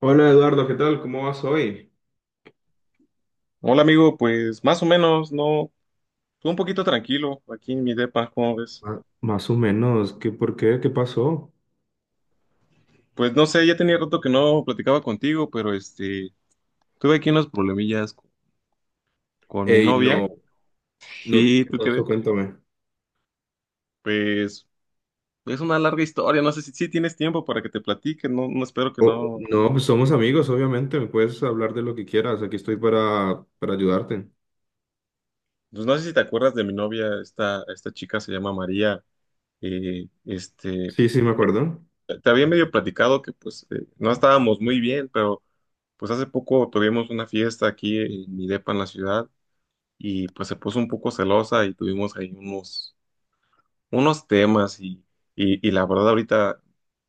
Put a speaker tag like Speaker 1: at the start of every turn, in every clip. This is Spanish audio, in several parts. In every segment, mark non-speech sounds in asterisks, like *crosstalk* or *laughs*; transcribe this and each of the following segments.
Speaker 1: Hola Eduardo, ¿qué tal? ¿Cómo vas hoy?
Speaker 2: Hola amigo, pues más o menos, no, estuve un poquito tranquilo aquí en mi depa, ¿cómo ves?
Speaker 1: Más o menos, ¿qué por qué? ¿Qué pasó?
Speaker 2: Pues no sé, ya tenía rato que no platicaba contigo, pero tuve aquí unos problemillas con mi
Speaker 1: Ey,
Speaker 2: novia.
Speaker 1: no, no,
Speaker 2: ¿Y
Speaker 1: ¿qué
Speaker 2: tú qué
Speaker 1: pasó?
Speaker 2: ves?
Speaker 1: Cuéntame.
Speaker 2: Pues es una larga historia, no sé si tienes tiempo para que te platique, no, no espero que
Speaker 1: Oh,
Speaker 2: no.
Speaker 1: no, pues somos amigos, obviamente, me puedes hablar de lo que quieras, aquí estoy para ayudarte.
Speaker 2: Pues no sé si te acuerdas de mi novia, esta chica se llama María. eh, este,
Speaker 1: Sí, sí, me acuerdo.
Speaker 2: Te había medio platicado que pues no estábamos muy bien, pero pues hace poco tuvimos una fiesta aquí en mi depa en la ciudad. Y pues se puso un poco celosa y tuvimos ahí unos, temas y la verdad ahorita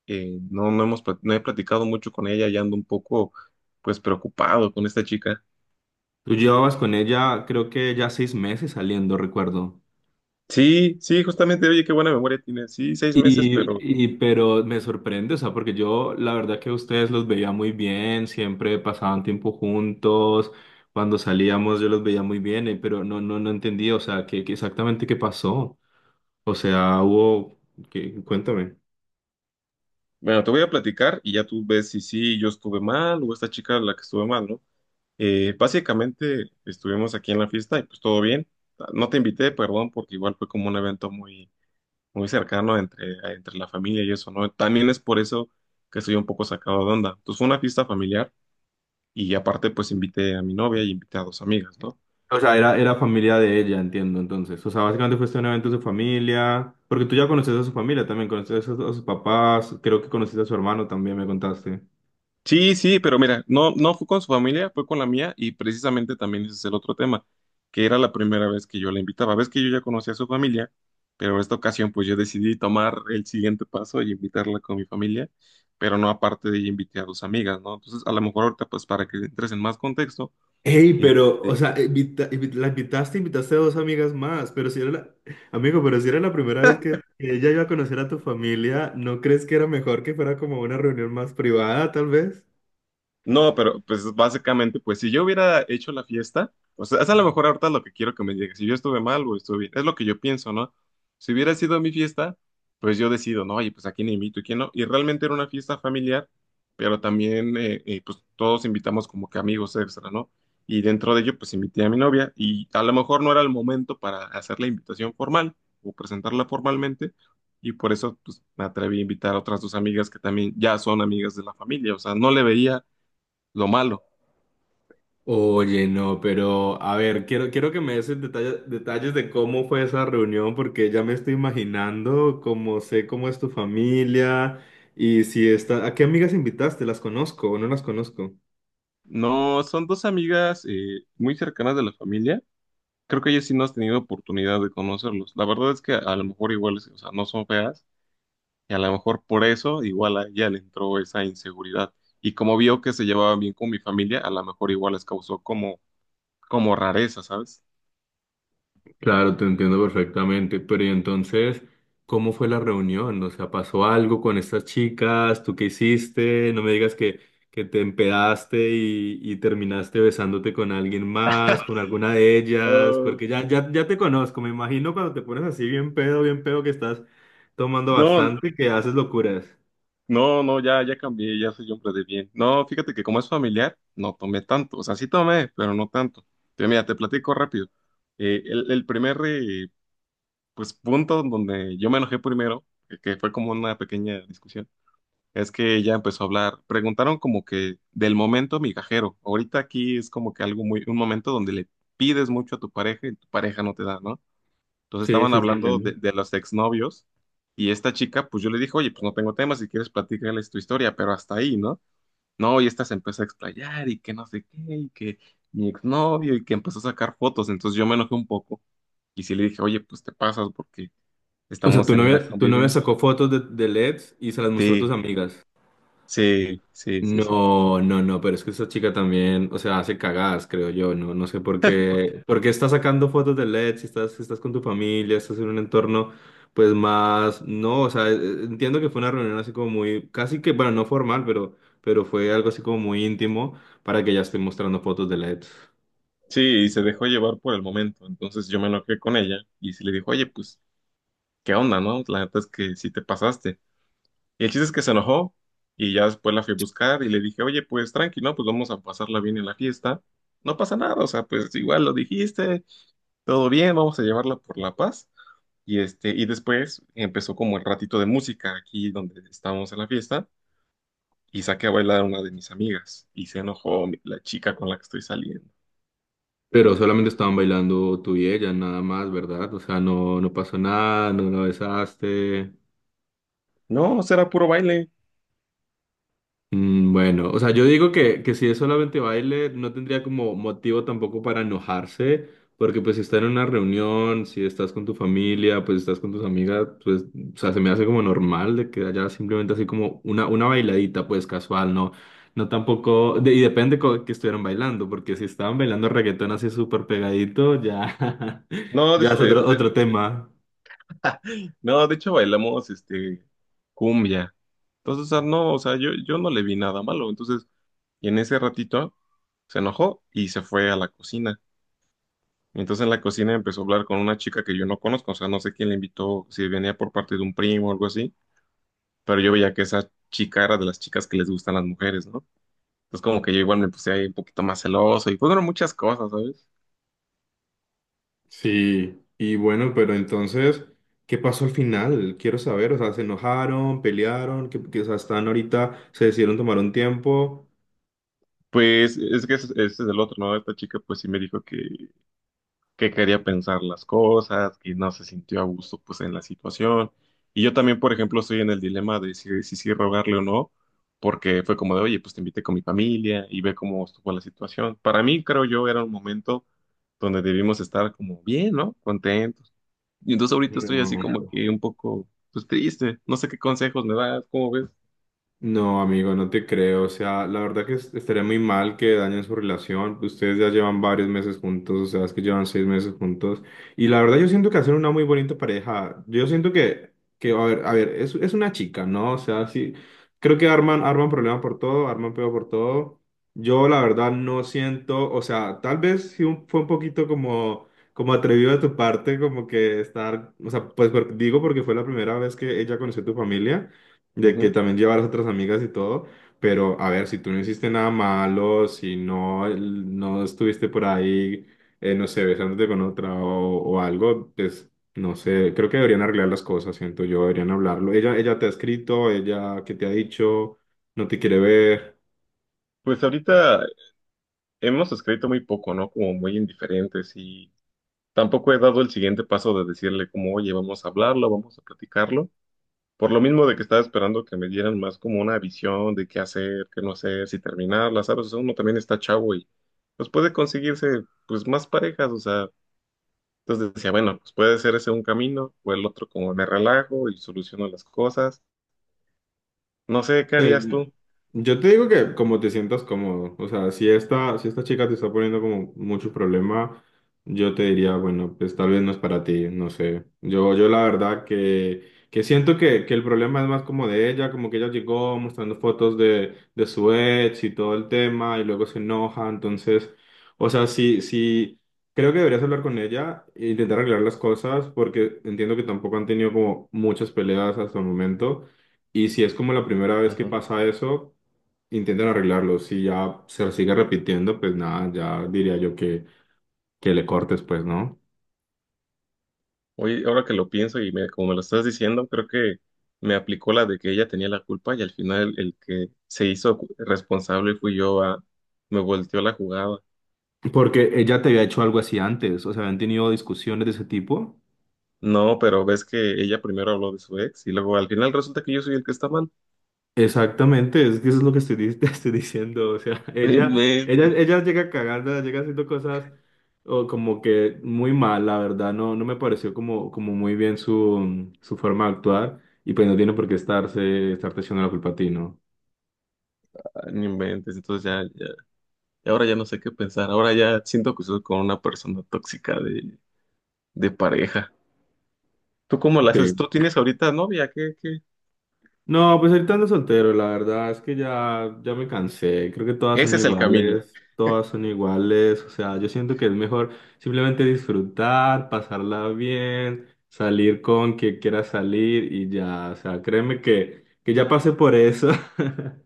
Speaker 2: no he platicado mucho con ella y ando un poco pues preocupado con esta chica.
Speaker 1: Tú llevabas con ella, creo que ya seis meses saliendo, recuerdo.
Speaker 2: Sí, sí, justamente, oye, qué buena memoria tiene. Sí, 6 meses, pero
Speaker 1: Pero me sorprende, o sea, porque yo la verdad que a ustedes los veía muy bien, siempre pasaban tiempo juntos, cuando salíamos yo los veía muy bien, pero no, no, no entendía, o sea, qué exactamente qué pasó. O sea, hubo, qué, cuéntame.
Speaker 2: bueno, te voy a platicar y ya tú ves si sí yo estuve mal o esta chica la que estuve mal, ¿no? Básicamente estuvimos aquí en la fiesta y pues todo bien. No te invité, perdón, porque igual fue como un evento muy muy cercano entre la familia y eso, ¿no? También es por eso que estoy un poco sacado de onda. Entonces fue una fiesta familiar y aparte pues invité a mi novia y invité a dos amigas, ¿no?
Speaker 1: O sea, era familia de ella, entiendo, entonces. O sea, básicamente fuiste a un evento de su familia, porque tú ya conoces a su familia también, conoces a, a sus papás, creo que conociste a su hermano también, me contaste.
Speaker 2: Sí, sí, pero mira, no, no fue con su familia, fue con la mía y precisamente también ese es el otro tema, que era la primera vez que yo la invitaba. Ves que yo ya conocía a su familia, pero esta ocasión pues yo decidí tomar el siguiente paso y invitarla con mi familia, pero no aparte de ella invité a dos amigas, ¿no? Entonces a lo mejor ahorita pues para que entres en más contexto
Speaker 1: Hey,
Speaker 2: eh,
Speaker 1: pero, o sea, la invitaste, invitaste a dos amigas más, pero si era la, amigo, pero si era la primera vez que ella iba a conocer a tu familia, ¿no crees que era mejor que fuera como una reunión más privada, tal vez?
Speaker 2: No, pero pues básicamente, pues si yo hubiera hecho la fiesta, o sea, es a lo mejor ahorita lo que quiero que me digas, si yo estuve mal o estuve bien, es lo que yo pienso, ¿no? Si hubiera sido mi fiesta, pues yo decido, ¿no? Oye, pues a quién invito y quién no. Y realmente era una fiesta familiar, pero también, pues todos invitamos como que amigos extra, ¿no? Y dentro de ello, pues invité a mi novia y a lo mejor no era el momento para hacer la invitación formal o presentarla formalmente. Y por eso, pues, me atreví a invitar a otras dos amigas que también ya son amigas de la familia. O sea, no le veía lo malo.
Speaker 1: Oye, no, pero a ver, quiero que me des el detalles de cómo fue esa reunión, porque ya me estoy imaginando cómo sé cómo es tu familia y si
Speaker 2: Ajá.
Speaker 1: está, ¿a qué amigas invitaste? ¿Las conozco o no las conozco?
Speaker 2: No, son dos amigas muy cercanas de la familia. Creo que ellas sí no has tenido oportunidad de conocerlos. La verdad es que a lo mejor igual, o sea, no son feas y a lo mejor por eso igual a ella le entró esa inseguridad. Y como vio que se llevaba bien con mi familia, a lo mejor igual les causó como, rareza, ¿sabes?
Speaker 1: Claro, te entiendo perfectamente, pero y entonces, ¿cómo fue la reunión? O sea, ¿pasó algo con estas chicas? ¿Tú qué hiciste? No me digas que te empedaste y terminaste besándote con alguien más, con alguna de ellas,
Speaker 2: Ah,
Speaker 1: porque ya, ya, ya te conozco, me imagino cuando te pones así bien pedo que estás tomando
Speaker 2: no,
Speaker 1: bastante, que haces locuras.
Speaker 2: no, no, ya, ya cambié, ya soy hombre de bien. No, fíjate que como es familiar, no tomé tanto. O sea, sí tomé, pero no tanto. Mira, te platico rápido. El primer pues punto donde yo me enojé primero, que fue como una pequeña discusión, es que ella empezó a hablar, preguntaron como que del momento migajero, ahorita aquí es como que algo muy, un momento donde le pides mucho a tu pareja y tu pareja no te da, ¿no? Entonces
Speaker 1: Sí,
Speaker 2: estaban
Speaker 1: sí, sí,
Speaker 2: hablando de,
Speaker 1: entiendo.
Speaker 2: de los exnovios y esta chica, pues yo le dije, oye, pues no tengo tema, si quieres platicarles tu historia, pero hasta ahí, ¿no? No, y esta se empezó a explayar y que no sé qué, y que mi exnovio, y que empezó a sacar fotos, entonces yo me enojé un poco y sí le dije, oye, pues te pasas porque
Speaker 1: O sea,
Speaker 2: estamos en una
Speaker 1: tu novia
Speaker 2: convivencia.
Speaker 1: sacó fotos de, LEDs y se las mostró a tus
Speaker 2: Sí,
Speaker 1: amigas.
Speaker 2: sí, sí, sí, sí.
Speaker 1: No, no, no, pero es que esta chica también, o sea, hace cagadas, creo yo, no, no sé por
Speaker 2: *laughs*
Speaker 1: qué, porque está sacando fotos de LED, si estás con tu familia, estás en un entorno, pues más, no, o sea, entiendo que fue una reunión así como muy, casi que, bueno, no formal, pero fue algo así como muy íntimo para que ella esté mostrando fotos de LED.
Speaker 2: Sí, y se dejó llevar por el momento. Entonces yo me enojé con ella y se le dijo, oye, pues, ¿qué onda, no? La neta es que sí te pasaste. Y el chiste es que se enojó y ya después la fui a buscar y le dije, oye, pues tranqui, ¿no? Pues vamos a pasarla bien en la fiesta. No pasa nada, o sea, pues igual lo dijiste, todo bien, vamos a llevarla por la paz. Y después empezó como el ratito de música aquí donde estábamos en la fiesta. Y saqué a bailar a una de mis amigas y se enojó la chica con la que estoy saliendo.
Speaker 1: Pero solamente estaban bailando tú y ella, nada más, ¿verdad? O sea, no, no pasó nada, no la besaste.
Speaker 2: No, será puro baile.
Speaker 1: Mm, bueno, o sea, yo digo que si es solamente baile, no tendría como motivo tampoco para enojarse, porque pues si está en una reunión, si estás con tu familia, pues estás con tus amigas, pues, o sea, se me hace como normal de que haya simplemente así como una bailadita, pues casual, ¿no? No tampoco, y depende que estuvieran bailando, porque si estaban bailando reggaetón así súper pegadito, ya, *laughs*
Speaker 2: No,
Speaker 1: ya es otro, otro tema.
Speaker 2: *laughs* no, de hecho bailamos cumbia. Entonces, o sea, no, o sea, yo no le vi nada malo. Entonces, y en ese ratito se enojó y se fue a la cocina. Entonces en la cocina empezó a hablar con una chica que yo no conozco, o sea, no sé quién le invitó, si venía por parte de un primo o algo así, pero yo veía que esa chica era de las chicas que les gustan las mujeres, ¿no? Entonces como que yo igual me puse ahí un poquito más celoso y fueron muchas cosas, ¿sabes?
Speaker 1: Sí, y bueno, pero entonces, ¿qué pasó al final? Quiero saber, o sea, ¿se enojaron, pelearon, que, o sea, están ahorita, se decidieron tomar un tiempo?
Speaker 2: Pues es que ese es el otro, ¿no? Esta chica pues sí me dijo que quería pensar las cosas, que no se sintió a gusto pues en la situación. Y yo también, por ejemplo, estoy en el dilema de si sí rogarle o no, porque fue como de, oye, pues te invité con mi familia y ve cómo estuvo la situación. Para mí, creo yo, era un momento donde debimos estar como bien, ¿no? Contentos. Y entonces ahorita estoy así como
Speaker 1: No.
Speaker 2: que un poco, pues triste. No sé qué consejos me das, ¿cómo ves?
Speaker 1: No, amigo, no te creo. O sea, la verdad que estaría muy mal que dañen su relación. Ustedes ya llevan varios meses juntos, o sea, es que llevan seis meses juntos. Y la verdad yo siento que hacen una muy bonita pareja. Yo siento que a ver, es una chica, ¿no? O sea, sí, creo que arman, arman problema por todo, arman peor por todo. Yo la verdad no siento, o sea, tal vez sí fue un poquito como, como atrevido de tu parte, como que estar, o sea, pues digo porque fue la primera vez que ella conoció a tu familia de que
Speaker 2: Ujú.
Speaker 1: también llevar a otras amigas y todo, pero a ver, si tú no hiciste nada malo, si no, no estuviste por ahí, no sé, besándote con otra o algo, pues no sé, creo que deberían arreglar las cosas, siento yo, deberían hablarlo. Ella te ha escrito, ella que te ha dicho, no te quiere ver.
Speaker 2: Pues ahorita hemos escrito muy poco, ¿no? Como muy indiferentes y tampoco he dado el siguiente paso de decirle como, oye, vamos a hablarlo, vamos a platicarlo. Por lo mismo de que estaba esperando que me dieran más como una visión de qué hacer, qué no hacer, si terminarla, ¿sabes? O sea, uno también está chavo y pues puede conseguirse pues más parejas, o sea, entonces decía, bueno, pues puede ser ese un camino o el otro como me relajo y soluciono las cosas. No sé, ¿qué harías tú?
Speaker 1: Yo te digo que como te sientas cómodo, o sea, si esta chica te está poniendo como mucho problema, yo te diría, bueno, pues tal vez no es para ti, no sé. Yo la verdad que siento que el problema es más como de ella, como que ella llegó mostrando fotos de su ex y todo el tema y luego se enoja, entonces, o sea, sí, sí, creo que deberías hablar con ella e intentar arreglar las cosas porque entiendo que tampoco han tenido como muchas peleas hasta el momento. Y si es como la primera vez que pasa eso, intentan arreglarlo. Si ya se sigue repitiendo, pues nada, ya diría yo que le cortes, pues, ¿no?
Speaker 2: Oye, ahora que lo pienso y como me lo estás diciendo, creo que me aplicó la de que ella tenía la culpa y al final el que se hizo responsable fui yo a, me volteó la jugada.
Speaker 1: Porque ella te había hecho algo así antes, o sea, habían tenido discusiones de ese tipo.
Speaker 2: No, pero ves que ella primero habló de su ex y luego al final resulta que yo soy el que está mal.
Speaker 1: Exactamente, es que eso es lo que estoy, *laughs* te estoy diciendo, o sea, *laughs*
Speaker 2: *laughs* No inventes,
Speaker 1: ella llega cagando, llega haciendo cosas o como que muy mal, la verdad, no, no me pareció como, como muy bien su forma de actuar y pues no tiene por qué estarse, estarte echando la culpa a ti, ¿no?
Speaker 2: ah, no inventes. Entonces ya, ya, y ahora ya no sé qué pensar. Ahora ya siento que soy con una persona tóxica de pareja. ¿Tú cómo la haces?
Speaker 1: Sí,
Speaker 2: ¿Tú tienes ahorita novia? ¿Qué?
Speaker 1: no, pues ahorita ando soltero, la verdad es que ya, ya me cansé, creo que
Speaker 2: Ese es el camino.
Speaker 1: todas son iguales, o sea, yo siento que es mejor simplemente disfrutar, pasarla bien, salir con quien quiera salir y ya, o sea, créeme que ya pasé por eso. *laughs*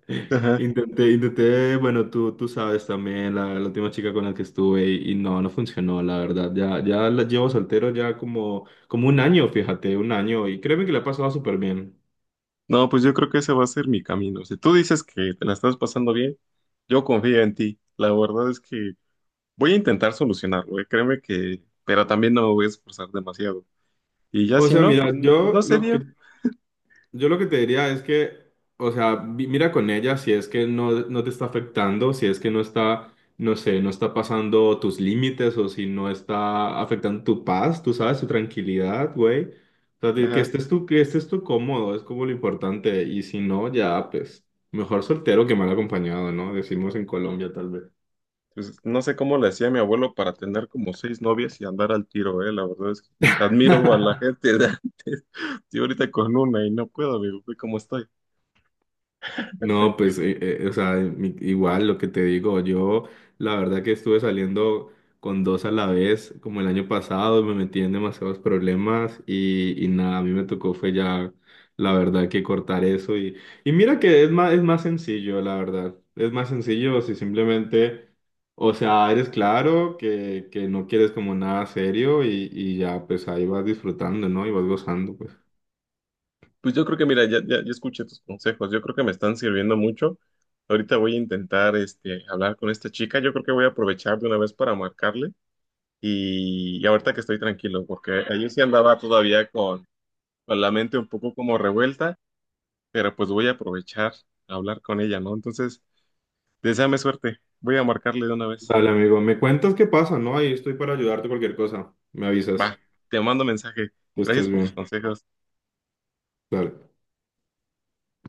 Speaker 1: Intenté, intenté, bueno, tú sabes también, la última chica con la que estuve y no, no funcionó, la verdad, ya, ya la llevo soltero ya como, como un año, fíjate, un año y créeme que la he pasado súper bien.
Speaker 2: No, pues yo creo que ese va a ser mi camino. Si tú dices que te la estás pasando bien, yo confío en ti. La verdad es que voy a intentar solucionarlo, ¿eh? Créeme que, pero también no me voy a esforzar demasiado. Y ya
Speaker 1: O
Speaker 2: si
Speaker 1: sea,
Speaker 2: no, pues
Speaker 1: mira,
Speaker 2: no se dio.
Speaker 1: yo lo que te diría es que, o sea, mira con ella si es que no, no te está afectando, si es que no está, no sé, no está pasando tus límites o si no está afectando tu paz, tú sabes, tu tranquilidad, güey. O sea, de
Speaker 2: Ajá.
Speaker 1: que estés tú cómodo, es como lo importante. Y si no, ya, pues, mejor soltero que mal acompañado, ¿no? Decimos en Colombia, tal vez.
Speaker 2: Pues no sé cómo le hacía mi abuelo para tener como seis novias y andar al tiro, ¿eh? La verdad es que admiro a
Speaker 1: *laughs*
Speaker 2: la gente de antes. *laughs* Estoy ahorita con una y no puedo, amigo, ve cómo estoy.
Speaker 1: No, pues, o sea, igual lo que te digo, yo la verdad que estuve saliendo con dos a la vez, como el año pasado, me metí en demasiados problemas y nada, a mí me tocó fue ya, la verdad que cortar eso y mira que es más sencillo, la verdad, es más sencillo si simplemente, o sea, eres claro que no quieres como nada serio y ya, pues ahí vas disfrutando, ¿no? Y vas gozando, pues.
Speaker 2: Pues yo creo que, mira, ya, ya, ya escuché tus consejos. Yo creo que me están sirviendo mucho. Ahorita voy a intentar hablar con esta chica. Yo creo que voy a aprovechar de una vez para marcarle. Y ahorita que estoy tranquilo, porque ayer sí andaba todavía con la mente un poco como revuelta, pero pues voy a aprovechar a hablar con ella, ¿no? Entonces, deséame suerte. Voy a marcarle de una vez.
Speaker 1: Dale, amigo, me cuentas qué pasa, ¿no? Ahí estoy para ayudarte cualquier cosa. Me avisas
Speaker 2: Va, te mando mensaje.
Speaker 1: que estés
Speaker 2: Gracias por tus
Speaker 1: bien.
Speaker 2: consejos.
Speaker 1: Dale.